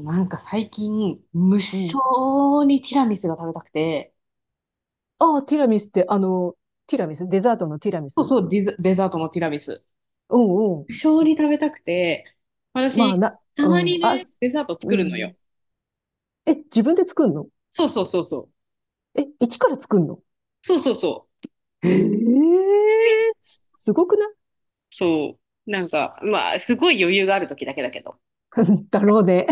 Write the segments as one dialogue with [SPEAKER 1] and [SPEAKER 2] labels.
[SPEAKER 1] なんか最近、無
[SPEAKER 2] う
[SPEAKER 1] 性
[SPEAKER 2] ん。
[SPEAKER 1] にティラミスが食べたくて、
[SPEAKER 2] ああ、ティラミスって、ティラミスデザートのティラミ
[SPEAKER 1] そ
[SPEAKER 2] ス
[SPEAKER 1] う
[SPEAKER 2] ね。
[SPEAKER 1] そう、デザートのティラミス。
[SPEAKER 2] うんうん。
[SPEAKER 1] 無性に食べたくて、
[SPEAKER 2] まあ、
[SPEAKER 1] 私、た
[SPEAKER 2] う
[SPEAKER 1] まに
[SPEAKER 2] ん。
[SPEAKER 1] ね、
[SPEAKER 2] あ、
[SPEAKER 1] デザート
[SPEAKER 2] う
[SPEAKER 1] 作るのよ。
[SPEAKER 2] ん。え、自分で作んの？
[SPEAKER 1] そうそうそうそう。
[SPEAKER 2] え、一から作んの？
[SPEAKER 1] そうそうそ
[SPEAKER 2] ええー、すごくない？
[SPEAKER 1] う。そう。なんか、まあ、すごい余裕がある時だけだけど。く
[SPEAKER 2] だろうね。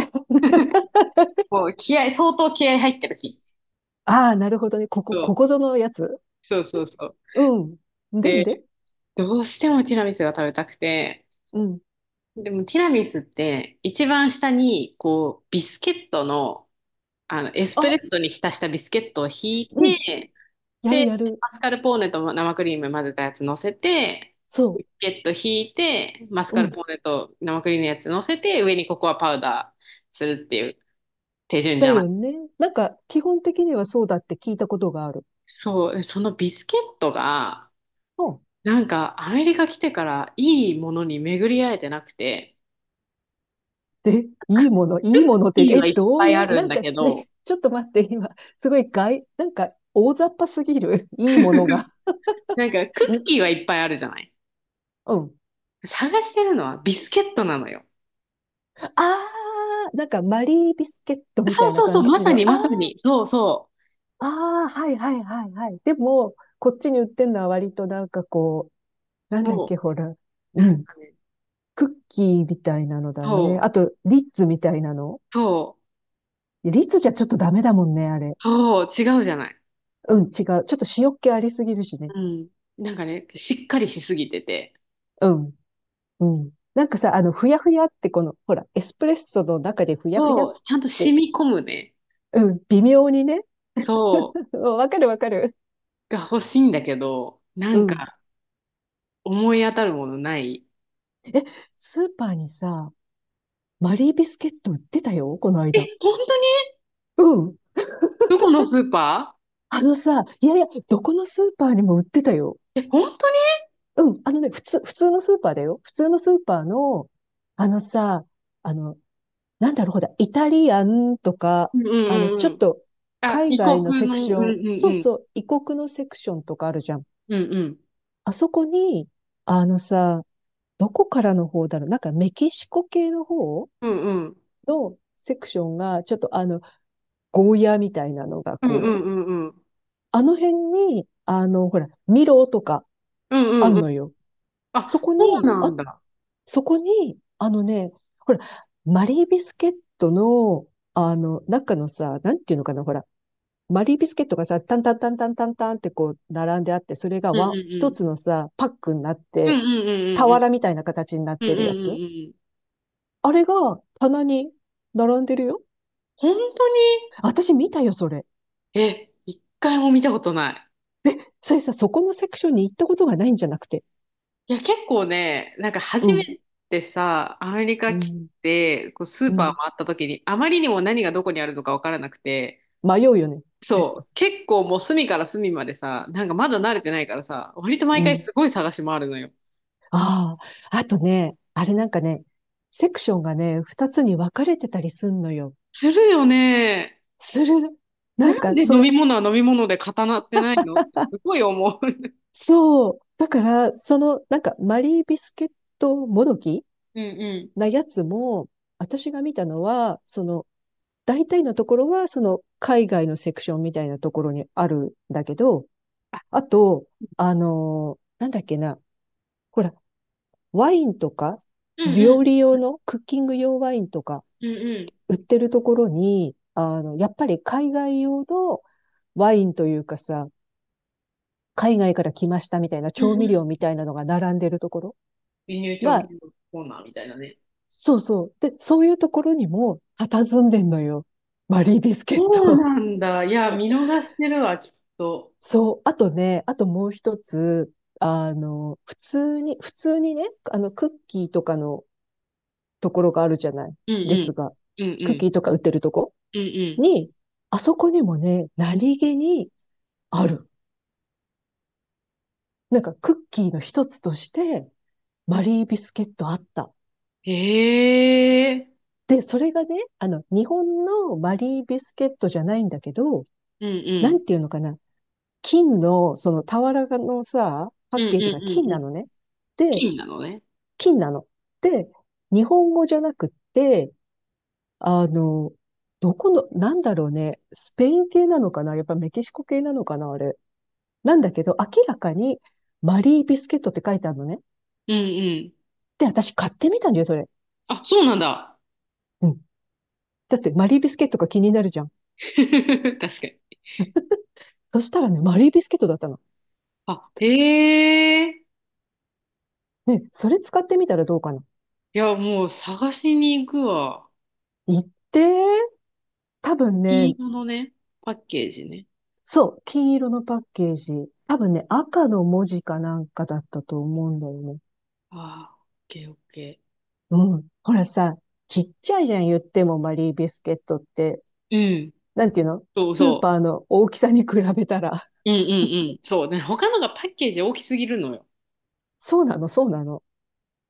[SPEAKER 1] こう、相当気合入ってる日。
[SPEAKER 2] ああ、なるほどね。
[SPEAKER 1] そ
[SPEAKER 2] こ
[SPEAKER 1] う、
[SPEAKER 2] こぞのやつ。
[SPEAKER 1] そうそうそう。
[SPEAKER 2] うん。でん
[SPEAKER 1] で、
[SPEAKER 2] で、
[SPEAKER 1] どうしてもティラミスが食べたくて、
[SPEAKER 2] うん。
[SPEAKER 1] でもティラミスって、一番下に、こう、ビスケットの、エスプレ
[SPEAKER 2] あ、
[SPEAKER 1] ッソに浸したビスケットをひい
[SPEAKER 2] うん。
[SPEAKER 1] て、
[SPEAKER 2] やる
[SPEAKER 1] で、
[SPEAKER 2] やる。
[SPEAKER 1] マスカルポーネと生クリーム混ぜたやつ乗せて、
[SPEAKER 2] そ
[SPEAKER 1] ビスケットひいて、マスカ
[SPEAKER 2] う。う
[SPEAKER 1] ル
[SPEAKER 2] ん。
[SPEAKER 1] ポーネと生クリームのやつ乗せて、上にココアパウダーするっていう手順じ
[SPEAKER 2] だ
[SPEAKER 1] ゃな
[SPEAKER 2] よ
[SPEAKER 1] い。
[SPEAKER 2] ね。なんか、基本的にはそうだって聞いたことがある。
[SPEAKER 1] そう、でそのビスケットが、
[SPEAKER 2] うん。
[SPEAKER 1] なんかアメリカ来てからいいものに巡り合えてなくて、
[SPEAKER 2] で、いいもの、いいものって、
[SPEAKER 1] いい
[SPEAKER 2] え、
[SPEAKER 1] はいっ
[SPEAKER 2] どう
[SPEAKER 1] ぱい
[SPEAKER 2] い
[SPEAKER 1] あ
[SPEAKER 2] う、
[SPEAKER 1] る
[SPEAKER 2] な
[SPEAKER 1] ん
[SPEAKER 2] ん
[SPEAKER 1] だ
[SPEAKER 2] か
[SPEAKER 1] けど、
[SPEAKER 2] ね、ちょっと待って、今、すごいなんか大雑把すぎる、いいものが。
[SPEAKER 1] なんかクッキー
[SPEAKER 2] ん
[SPEAKER 1] はいっぱいあるじゃない。
[SPEAKER 2] うん。
[SPEAKER 1] 探してるのはビスケットなのよ。
[SPEAKER 2] あー、なんかマリービスケットみ
[SPEAKER 1] そ
[SPEAKER 2] た
[SPEAKER 1] う
[SPEAKER 2] いな
[SPEAKER 1] そうそう、
[SPEAKER 2] 感
[SPEAKER 1] ま
[SPEAKER 2] じ
[SPEAKER 1] さ
[SPEAKER 2] の、あ
[SPEAKER 1] にまさに。そうそ
[SPEAKER 2] あー、はいはいはいはい。でも、こっちに売ってんのは割となんかこう、な
[SPEAKER 1] う。
[SPEAKER 2] んだっ
[SPEAKER 1] も
[SPEAKER 2] け、ほら、
[SPEAKER 1] う、な
[SPEAKER 2] う
[SPEAKER 1] ん
[SPEAKER 2] ん、
[SPEAKER 1] かね、
[SPEAKER 2] クッキーみたいなのだね。
[SPEAKER 1] そう、
[SPEAKER 2] あと、リッツみたいなの。
[SPEAKER 1] そう、
[SPEAKER 2] リッツじゃちょっとダメだもんね、あれ。
[SPEAKER 1] そう、違うじゃない。
[SPEAKER 2] うん、違う。ちょっと塩っ気ありすぎるしね。
[SPEAKER 1] うん。なんかね、しっかりしすぎてて、
[SPEAKER 2] うん。うん。なんかさ、ふやふやってこの、ほら、エスプレッソの中でふやふやっ
[SPEAKER 1] そう、ちゃんと染
[SPEAKER 2] て、
[SPEAKER 1] み込むね、
[SPEAKER 2] うん、微妙にね。
[SPEAKER 1] そ
[SPEAKER 2] うん、わかるわかる。
[SPEAKER 1] う、が欲しいんだけど、な
[SPEAKER 2] う
[SPEAKER 1] ん
[SPEAKER 2] ん。
[SPEAKER 1] か思い当たるものない。
[SPEAKER 2] スーパーにさ、マリービスケット売ってたよ、この
[SPEAKER 1] え、
[SPEAKER 2] 間。
[SPEAKER 1] 本当に？
[SPEAKER 2] うん。
[SPEAKER 1] どこのスーパ
[SPEAKER 2] あのさ、いやいや、どこのスーパーにも売ってたよ。
[SPEAKER 1] ー？え、本当に？
[SPEAKER 2] うん。あのね、普通のスーパーだよ。普通のスーパーの、あのさ、あの、なんだろう、ほら、イタリアンとか、
[SPEAKER 1] うんうんう
[SPEAKER 2] ちょ
[SPEAKER 1] んう
[SPEAKER 2] っ
[SPEAKER 1] ん。
[SPEAKER 2] と、
[SPEAKER 1] あ、
[SPEAKER 2] 海
[SPEAKER 1] 異
[SPEAKER 2] 外の
[SPEAKER 1] 国
[SPEAKER 2] セク
[SPEAKER 1] の、
[SPEAKER 2] シ
[SPEAKER 1] うんう
[SPEAKER 2] ョン、
[SPEAKER 1] ん
[SPEAKER 2] そう
[SPEAKER 1] うん。
[SPEAKER 2] そう、異国のセクションとかあるじゃん。
[SPEAKER 1] うんうん。
[SPEAKER 2] あそこに、あのさ、どこからの方だろう、なんかメキシコ系の方
[SPEAKER 1] うんうん。
[SPEAKER 2] のセクションが、ちょっとゴーヤーみたいなのが
[SPEAKER 1] うんう
[SPEAKER 2] こう、
[SPEAKER 1] んうんうん。
[SPEAKER 2] あの辺に、ほら、ミロとか
[SPEAKER 1] うん
[SPEAKER 2] あ
[SPEAKER 1] うん
[SPEAKER 2] ん
[SPEAKER 1] うん。
[SPEAKER 2] のよ。そ
[SPEAKER 1] あ、
[SPEAKER 2] こ
[SPEAKER 1] そう
[SPEAKER 2] に、
[SPEAKER 1] な
[SPEAKER 2] あ、
[SPEAKER 1] んだ。
[SPEAKER 2] そこに、あのね、ほら、マリービスケットの、あの、中のさ、なんていうのかな、ほら、マリービスケットがさ、タンタンタンタンタンタンってこう、並んであって、それが
[SPEAKER 1] うんうんう
[SPEAKER 2] 一
[SPEAKER 1] ん。
[SPEAKER 2] つのさ、パックになっ
[SPEAKER 1] う
[SPEAKER 2] て、
[SPEAKER 1] んうんうんうん
[SPEAKER 2] 俵みたいな形になっ
[SPEAKER 1] うんう
[SPEAKER 2] てるや
[SPEAKER 1] んう
[SPEAKER 2] つ。
[SPEAKER 1] んうん。
[SPEAKER 2] あれが棚に並んでるよ。
[SPEAKER 1] 本当に？
[SPEAKER 2] 私見たよ、それ。
[SPEAKER 1] え、一回も見たことない。
[SPEAKER 2] それさ、そこのセクションに行ったことがないんじゃなくて。
[SPEAKER 1] いや、結構ね、なんか
[SPEAKER 2] う
[SPEAKER 1] 初め
[SPEAKER 2] ん。
[SPEAKER 1] てさ、アメリカ
[SPEAKER 2] う
[SPEAKER 1] 来
[SPEAKER 2] ん。
[SPEAKER 1] て、こうスー
[SPEAKER 2] う
[SPEAKER 1] パー
[SPEAKER 2] ん。
[SPEAKER 1] 回った時に、あまりにも何がどこにあるのかわからなくて、
[SPEAKER 2] 迷うよね。
[SPEAKER 1] そう、結構もう隅から隅までさ、なんかまだ慣れてないからさ、割と
[SPEAKER 2] う
[SPEAKER 1] 毎回
[SPEAKER 2] ん。
[SPEAKER 1] すごい探し回るのよ。
[SPEAKER 2] ああ。あとね、あれなんかね、セクションがね、二つに分かれてたりすんのよ。
[SPEAKER 1] するよね。
[SPEAKER 2] する。な
[SPEAKER 1] な
[SPEAKER 2] ん
[SPEAKER 1] ん
[SPEAKER 2] か、
[SPEAKER 1] で
[SPEAKER 2] そ
[SPEAKER 1] 飲
[SPEAKER 2] の、
[SPEAKER 1] み物は飲み物で固まってないのってすごい思う。
[SPEAKER 2] そう。だから、その、なんか、マリービスケットもどき
[SPEAKER 1] うんうん。
[SPEAKER 2] なやつも、私が見たのは、その、大体のところは、その、海外のセクションみたいなところにあるんだけど、あと、あのー、なんだっけな、ほら、ワインとか、
[SPEAKER 1] うんうん。
[SPEAKER 2] 料理用の、クッキング用ワインとか、
[SPEAKER 1] うんうん。
[SPEAKER 2] 売ってるところに、あの、やっぱり海外用のワインというかさ、海外から来ましたみたいな
[SPEAKER 1] うん
[SPEAKER 2] 調味
[SPEAKER 1] うん。
[SPEAKER 2] 料みたいなのが並んでるところ
[SPEAKER 1] 輸入調味
[SPEAKER 2] が、
[SPEAKER 1] 料コーナーみたいなね。
[SPEAKER 2] そうそう。で、そういうところにも、佇んでんのよ。マリービスケッ
[SPEAKER 1] そう
[SPEAKER 2] ト。
[SPEAKER 1] なんだ。いや、見逃してるわ、きっと。
[SPEAKER 2] そう。あとね、あともう一つ、普通にね、クッキーとかのところがあるじゃない。
[SPEAKER 1] うんうん。
[SPEAKER 2] 列が。
[SPEAKER 1] うんう
[SPEAKER 2] クッキ
[SPEAKER 1] ん。
[SPEAKER 2] ーとか売ってるとこ
[SPEAKER 1] うんうん。
[SPEAKER 2] に、あそこにもね、何気にある。なんかクッキーの一つとして、マリービスケットあった。
[SPEAKER 1] へえ。
[SPEAKER 2] で、それがね、あの、日本のマリービスケットじゃないんだけど、
[SPEAKER 1] うんう
[SPEAKER 2] な
[SPEAKER 1] ん。
[SPEAKER 2] んていうのかな。金の、その俵のさ、パッ
[SPEAKER 1] うんうん
[SPEAKER 2] ケージが
[SPEAKER 1] う
[SPEAKER 2] 金
[SPEAKER 1] ん
[SPEAKER 2] な
[SPEAKER 1] うん。
[SPEAKER 2] のね。で、
[SPEAKER 1] 金なのね。
[SPEAKER 2] 金なの。で、日本語じゃなくて、あの、どこの、なんだろうね、スペイン系なのかな、やっぱメキシコ系なのかな、あれ。なんだけど、明らかにマリービスケットって書いてあるのね。
[SPEAKER 1] うんうん。
[SPEAKER 2] で、私買ってみたんだよ、それ。
[SPEAKER 1] あ、そうなんだ。
[SPEAKER 2] うん。だってマリービスケットが気になるじゃん。
[SPEAKER 1] 確かに。
[SPEAKER 2] そしたらね、マリービスケットだったの。
[SPEAKER 1] あ、へえ。
[SPEAKER 2] ね、それ使ってみたらどうかな。
[SPEAKER 1] いや、もう探しに行くわ。
[SPEAKER 2] 言ってー、多分
[SPEAKER 1] 金
[SPEAKER 2] ね、
[SPEAKER 1] 色のね、パッケージね。
[SPEAKER 2] そう、金色のパッケージ。多分ね、赤の文字かなんかだったと思うんだよね。
[SPEAKER 1] ああ、オッケーオッケ
[SPEAKER 2] うん。ほらさ、ちっちゃいじゃん、言ってもマリービスケットって。
[SPEAKER 1] ー。うん。
[SPEAKER 2] なんていうの、
[SPEAKER 1] そう
[SPEAKER 2] スー
[SPEAKER 1] そ
[SPEAKER 2] パーの大きさに比べたら。
[SPEAKER 1] う。うんうんうん。そう。で、他のがパッケージ大きすぎるのよ。
[SPEAKER 2] そうなの、そうなの。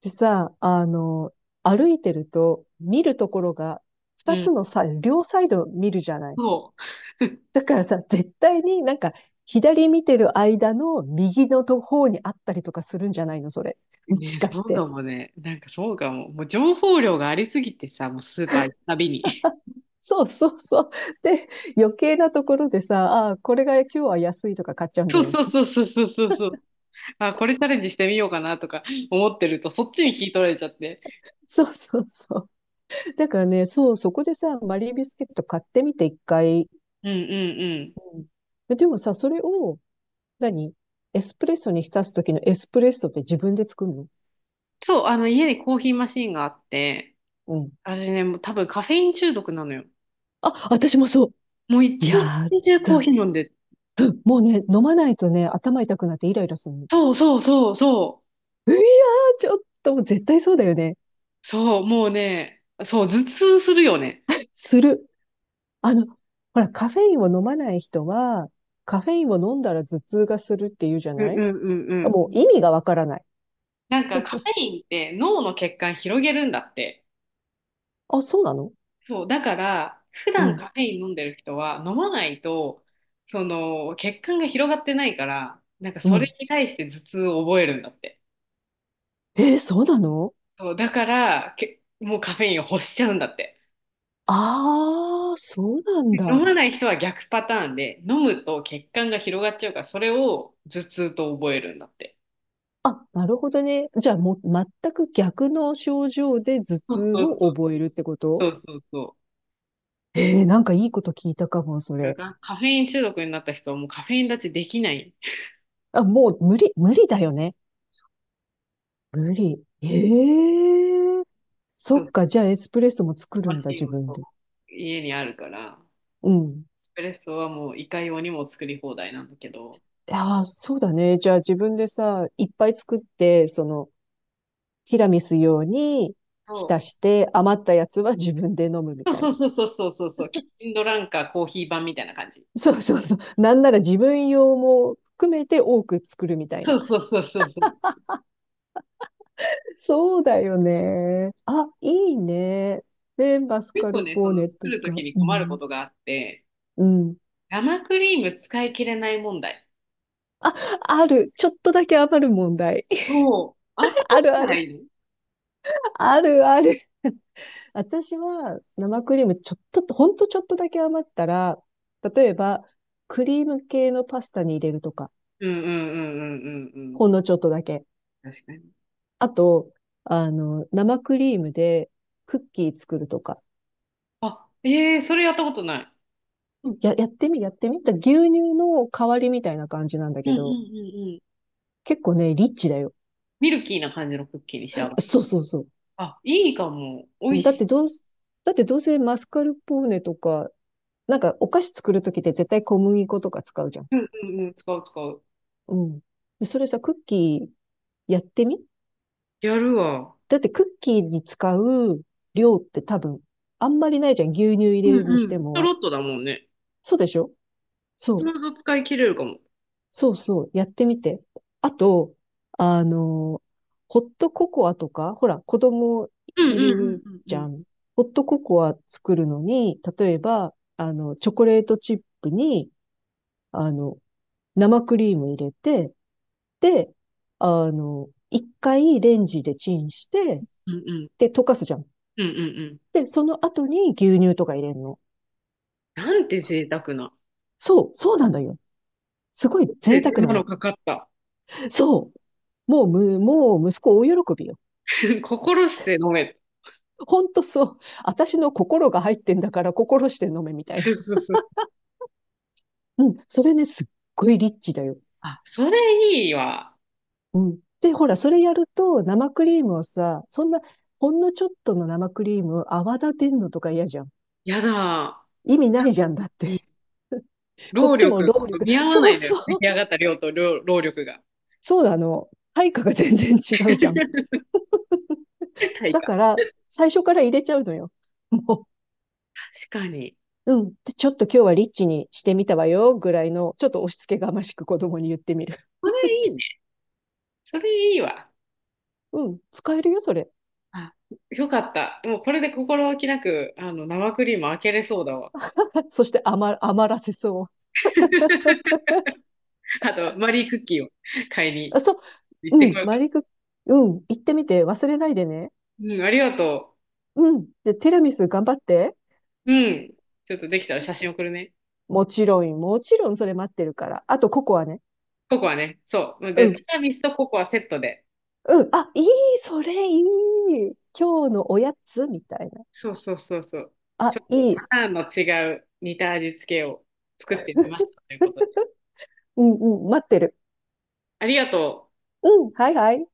[SPEAKER 2] でさ、あの、歩いてると見るところが
[SPEAKER 1] う
[SPEAKER 2] 二つ
[SPEAKER 1] ん。
[SPEAKER 2] のさ、両サイド見るじゃない。
[SPEAKER 1] そう。
[SPEAKER 2] だからさ、絶対になんか左見てる間の右のと方にあったりとかするんじゃないの、それ。もし
[SPEAKER 1] ね、
[SPEAKER 2] か
[SPEAKER 1] そ
[SPEAKER 2] し
[SPEAKER 1] うか
[SPEAKER 2] て。
[SPEAKER 1] もね。なんかそうかも。もう情報量がありすぎてさ、もうスーパー行くたびに。
[SPEAKER 2] そうそうそう。で、余計なところでさ、ああ、これが今日は安いとか買っちゃうん
[SPEAKER 1] そ
[SPEAKER 2] だ
[SPEAKER 1] う
[SPEAKER 2] よ
[SPEAKER 1] そう
[SPEAKER 2] ね。
[SPEAKER 1] そうそうそうそうそう。あ、これチャレンジしてみようかなとか思ってると、そっちに聞い取られちゃって。
[SPEAKER 2] そうそうそう。だからね、そう、そこでさ、マリービスケット買ってみて一回。
[SPEAKER 1] うんうんうん。
[SPEAKER 2] で、でもさ、それを、何、エスプレッソに浸す時のエスプレッソって自分で作るの？
[SPEAKER 1] そう、あの家にコーヒーマシーンがあって、
[SPEAKER 2] うん。
[SPEAKER 1] 私ね、もう多分カフェイン中毒なのよ。
[SPEAKER 2] あ、私もそう。
[SPEAKER 1] もう一
[SPEAKER 2] や
[SPEAKER 1] 日中コーヒ
[SPEAKER 2] だ。
[SPEAKER 1] ー飲んで、
[SPEAKER 2] うん、もうね、飲まないとね、頭痛くなってイライラするの。
[SPEAKER 1] そうそうそうそ
[SPEAKER 2] いやー、ちょっと、もう絶対そうだよね。
[SPEAKER 1] う、そう、もうね、そう、頭痛するよね。
[SPEAKER 2] する。あの、ほら、カフェインを飲まない人は、カフェインを飲んだら頭痛がするって言うじゃ
[SPEAKER 1] うん
[SPEAKER 2] ない。
[SPEAKER 1] うんうんうん。
[SPEAKER 2] もう意味がわからない。
[SPEAKER 1] なんかカフ ェインって脳の血管広げるんだって。
[SPEAKER 2] あ、そうなの？
[SPEAKER 1] そう、だから、普
[SPEAKER 2] う
[SPEAKER 1] 段
[SPEAKER 2] ん。
[SPEAKER 1] カフェイン飲んでる人は、飲まないと、その、血管が広がってないから、なんか
[SPEAKER 2] う
[SPEAKER 1] それ
[SPEAKER 2] ん。
[SPEAKER 1] に対して頭痛を覚えるんだって。
[SPEAKER 2] えー、そうなの？
[SPEAKER 1] そう、だから、もうカフェインを欲しちゃうんだって。
[SPEAKER 2] ああ、そうなん
[SPEAKER 1] で飲
[SPEAKER 2] だ。
[SPEAKER 1] まない人は逆パターンで、飲むと血管が広がっちゃうから、それを頭痛と覚えるんだって。
[SPEAKER 2] あ、なるほどね。じゃあもう全く逆の症状で頭
[SPEAKER 1] そう
[SPEAKER 2] 痛
[SPEAKER 1] そ
[SPEAKER 2] を
[SPEAKER 1] うそう。
[SPEAKER 2] 覚えるってこと？
[SPEAKER 1] そうそうそ
[SPEAKER 2] ええー、なんかいいこと聞いたかも、そ
[SPEAKER 1] う。だ
[SPEAKER 2] れ。
[SPEAKER 1] からカフェイン中毒になった人はもうカフェイン立ちできない。
[SPEAKER 2] あ、もう無理、無理だよね。無理。ええ、そ
[SPEAKER 1] そ
[SPEAKER 2] っ
[SPEAKER 1] う、
[SPEAKER 2] か、じゃあエスプレッソも作
[SPEAKER 1] マ
[SPEAKER 2] るんだ、
[SPEAKER 1] シ
[SPEAKER 2] 自
[SPEAKER 1] ンを
[SPEAKER 2] 分
[SPEAKER 1] そう
[SPEAKER 2] で。
[SPEAKER 1] 家にあるから。
[SPEAKER 2] うん。
[SPEAKER 1] スプレッソはもういかようにも作り放題なんだけど、
[SPEAKER 2] ああ、そうだね。じゃあ自分でさ、いっぱい作って、その、ティラミス用に浸
[SPEAKER 1] そ
[SPEAKER 2] して、余ったやつは自分で飲むみ
[SPEAKER 1] う
[SPEAKER 2] たい
[SPEAKER 1] そう
[SPEAKER 2] な。
[SPEAKER 1] そうそうそうそうそう、キッチンドランカーコーヒー版みたいな感じ。
[SPEAKER 2] そうそうそう。なんなら自分用も含めて多く作るみたい
[SPEAKER 1] そ
[SPEAKER 2] な。
[SPEAKER 1] うそうそうそうそう。
[SPEAKER 2] そうだよね。あ、いいね。で、マス
[SPEAKER 1] 結
[SPEAKER 2] カ
[SPEAKER 1] 構
[SPEAKER 2] ル
[SPEAKER 1] ね、
[SPEAKER 2] ポ
[SPEAKER 1] そ
[SPEAKER 2] ー
[SPEAKER 1] の
[SPEAKER 2] ネ
[SPEAKER 1] 作
[SPEAKER 2] と
[SPEAKER 1] ると
[SPEAKER 2] か。
[SPEAKER 1] きに
[SPEAKER 2] う
[SPEAKER 1] 困るこ
[SPEAKER 2] ん。
[SPEAKER 1] とがあって、
[SPEAKER 2] うん。
[SPEAKER 1] 生クリーム使い切れない問題。
[SPEAKER 2] あ、ある。ちょっとだけ余る問題。
[SPEAKER 1] そう。あれど
[SPEAKER 2] あ
[SPEAKER 1] うし
[SPEAKER 2] る
[SPEAKER 1] た
[SPEAKER 2] あ
[SPEAKER 1] ら
[SPEAKER 2] る。
[SPEAKER 1] いいの？
[SPEAKER 2] あるある。私は生クリームちょっと、ほんとちょっとだけ余ったら、例えば、クリーム系のパスタに入れるとか。
[SPEAKER 1] うんうんうんうんうんうん。
[SPEAKER 2] ほんのちょっとだけ。
[SPEAKER 1] 確かに。
[SPEAKER 2] あと、生クリームでクッキー作るとか。
[SPEAKER 1] あ、ええーそれやったことない。
[SPEAKER 2] やってみ。だ、牛乳の代わりみたいな感じなんだ
[SPEAKER 1] うん
[SPEAKER 2] け
[SPEAKER 1] うん
[SPEAKER 2] ど、
[SPEAKER 1] うんうん。
[SPEAKER 2] 結構ね、リッチだよ。
[SPEAKER 1] ミルキーな感じのクッキーに仕上がる。
[SPEAKER 2] そうそうそ
[SPEAKER 1] あ、いいかも。美味
[SPEAKER 2] う。
[SPEAKER 1] しい。
[SPEAKER 2] だってどうせマスカルポーネとか、なんかお菓子作るときって絶対小麦粉とか使うじゃん。
[SPEAKER 1] うんうんうん。使う使う。
[SPEAKER 2] うん。で、それさ、クッキーやってみ。
[SPEAKER 1] やるわ。
[SPEAKER 2] だってクッキーに使う量って多分、あんまりないじゃん。牛乳入
[SPEAKER 1] う
[SPEAKER 2] れるに
[SPEAKER 1] ん
[SPEAKER 2] し
[SPEAKER 1] うん。
[SPEAKER 2] て
[SPEAKER 1] ちょ
[SPEAKER 2] も。
[SPEAKER 1] ろっとだもんね。
[SPEAKER 2] そうでしょ？そ
[SPEAKER 1] ちょ
[SPEAKER 2] う。
[SPEAKER 1] うど使い切れるかも。
[SPEAKER 2] そうそう、やってみて。あと、あの、ホットココアとか、ほら、子供
[SPEAKER 1] うんうん
[SPEAKER 2] い
[SPEAKER 1] うん
[SPEAKER 2] る
[SPEAKER 1] うん
[SPEAKER 2] じ
[SPEAKER 1] う
[SPEAKER 2] ゃ
[SPEAKER 1] ん。
[SPEAKER 2] ん。ホットココア作るのに、例えば、あの、チョコレートチップに、あの、生クリーム入れて、で、あの、一回レンジでチンして、
[SPEAKER 1] うんうん。
[SPEAKER 2] で、溶かすじゃん。
[SPEAKER 1] うんうんうん。
[SPEAKER 2] で、その後に牛乳とか入れるの。
[SPEAKER 1] なんて
[SPEAKER 2] そ
[SPEAKER 1] 贅沢な。
[SPEAKER 2] そう、そうなんだよ。すごい贅
[SPEAKER 1] で、手
[SPEAKER 2] 沢な
[SPEAKER 1] 間の
[SPEAKER 2] の。
[SPEAKER 1] かかった。
[SPEAKER 2] そう。もう息子大喜びよ。
[SPEAKER 1] 心して飲め。
[SPEAKER 2] ほんとそう。私の心が入ってんだから心して飲めみた
[SPEAKER 1] そ
[SPEAKER 2] い
[SPEAKER 1] そ
[SPEAKER 2] な。
[SPEAKER 1] うそうそう。
[SPEAKER 2] うん。それね、すっごいリッチだよ。
[SPEAKER 1] あ、それいいわ。
[SPEAKER 2] うん。で、ほら、それやると生クリームをさ、そんな、ほんのちょっとの生クリームを泡立てんのとか嫌じゃん。
[SPEAKER 1] やだ。
[SPEAKER 2] 意味ないじゃん、だっ
[SPEAKER 1] うん。
[SPEAKER 2] て。こっ
[SPEAKER 1] 労
[SPEAKER 2] ちも
[SPEAKER 1] 力
[SPEAKER 2] 労
[SPEAKER 1] と
[SPEAKER 2] 力。
[SPEAKER 1] 見合わな
[SPEAKER 2] そう
[SPEAKER 1] いんだ
[SPEAKER 2] そ
[SPEAKER 1] よ。出来
[SPEAKER 2] う。
[SPEAKER 1] 上がった量と量労力が。
[SPEAKER 2] そうだ、あの。配下が全然違うじゃん。
[SPEAKER 1] 対
[SPEAKER 2] だ
[SPEAKER 1] 価。
[SPEAKER 2] から、最初から入れちゃうのよ。も
[SPEAKER 1] 確かに。
[SPEAKER 2] う、うん。で、ちょっと今日はリッチにしてみたわよ、ぐらいの、ちょっと押し付けがましく子供に言ってみる。
[SPEAKER 1] それいいね。それいいわ。
[SPEAKER 2] うん。使えるよ、それ。
[SPEAKER 1] あ、よかった。もうこれで心置きなく、生クリーム開けれそうだわ。
[SPEAKER 2] そして余らせそう。
[SPEAKER 1] あと、マリークッキーを買いに。
[SPEAKER 2] あ、そ
[SPEAKER 1] 行
[SPEAKER 2] う、
[SPEAKER 1] って
[SPEAKER 2] う
[SPEAKER 1] こ
[SPEAKER 2] ん、
[SPEAKER 1] よう
[SPEAKER 2] マ
[SPEAKER 1] か
[SPEAKER 2] リク、うん、行ってみて忘れないでね。
[SPEAKER 1] な。うん、ありがと
[SPEAKER 2] うん。で、ティラミス頑張って。
[SPEAKER 1] う。うん。ちょっとできたら写真送るね。
[SPEAKER 2] もちろん、もちろんそれ待ってるから。あと、ココアね。
[SPEAKER 1] ココアね。そう。
[SPEAKER 2] う
[SPEAKER 1] で、テ
[SPEAKER 2] ん、
[SPEAKER 1] ィラミスとココアセットで。
[SPEAKER 2] うん。あ、いい、それいい。今日のおやつみたいな。
[SPEAKER 1] そうそうそうそう。ちょ
[SPEAKER 2] あ、
[SPEAKER 1] っ
[SPEAKER 2] い
[SPEAKER 1] と
[SPEAKER 2] い。
[SPEAKER 1] パターンの違う似た味付けを作ってみましたということで。
[SPEAKER 2] うん、うん、待ってる。
[SPEAKER 1] ありがとう。
[SPEAKER 2] うん、はいはい。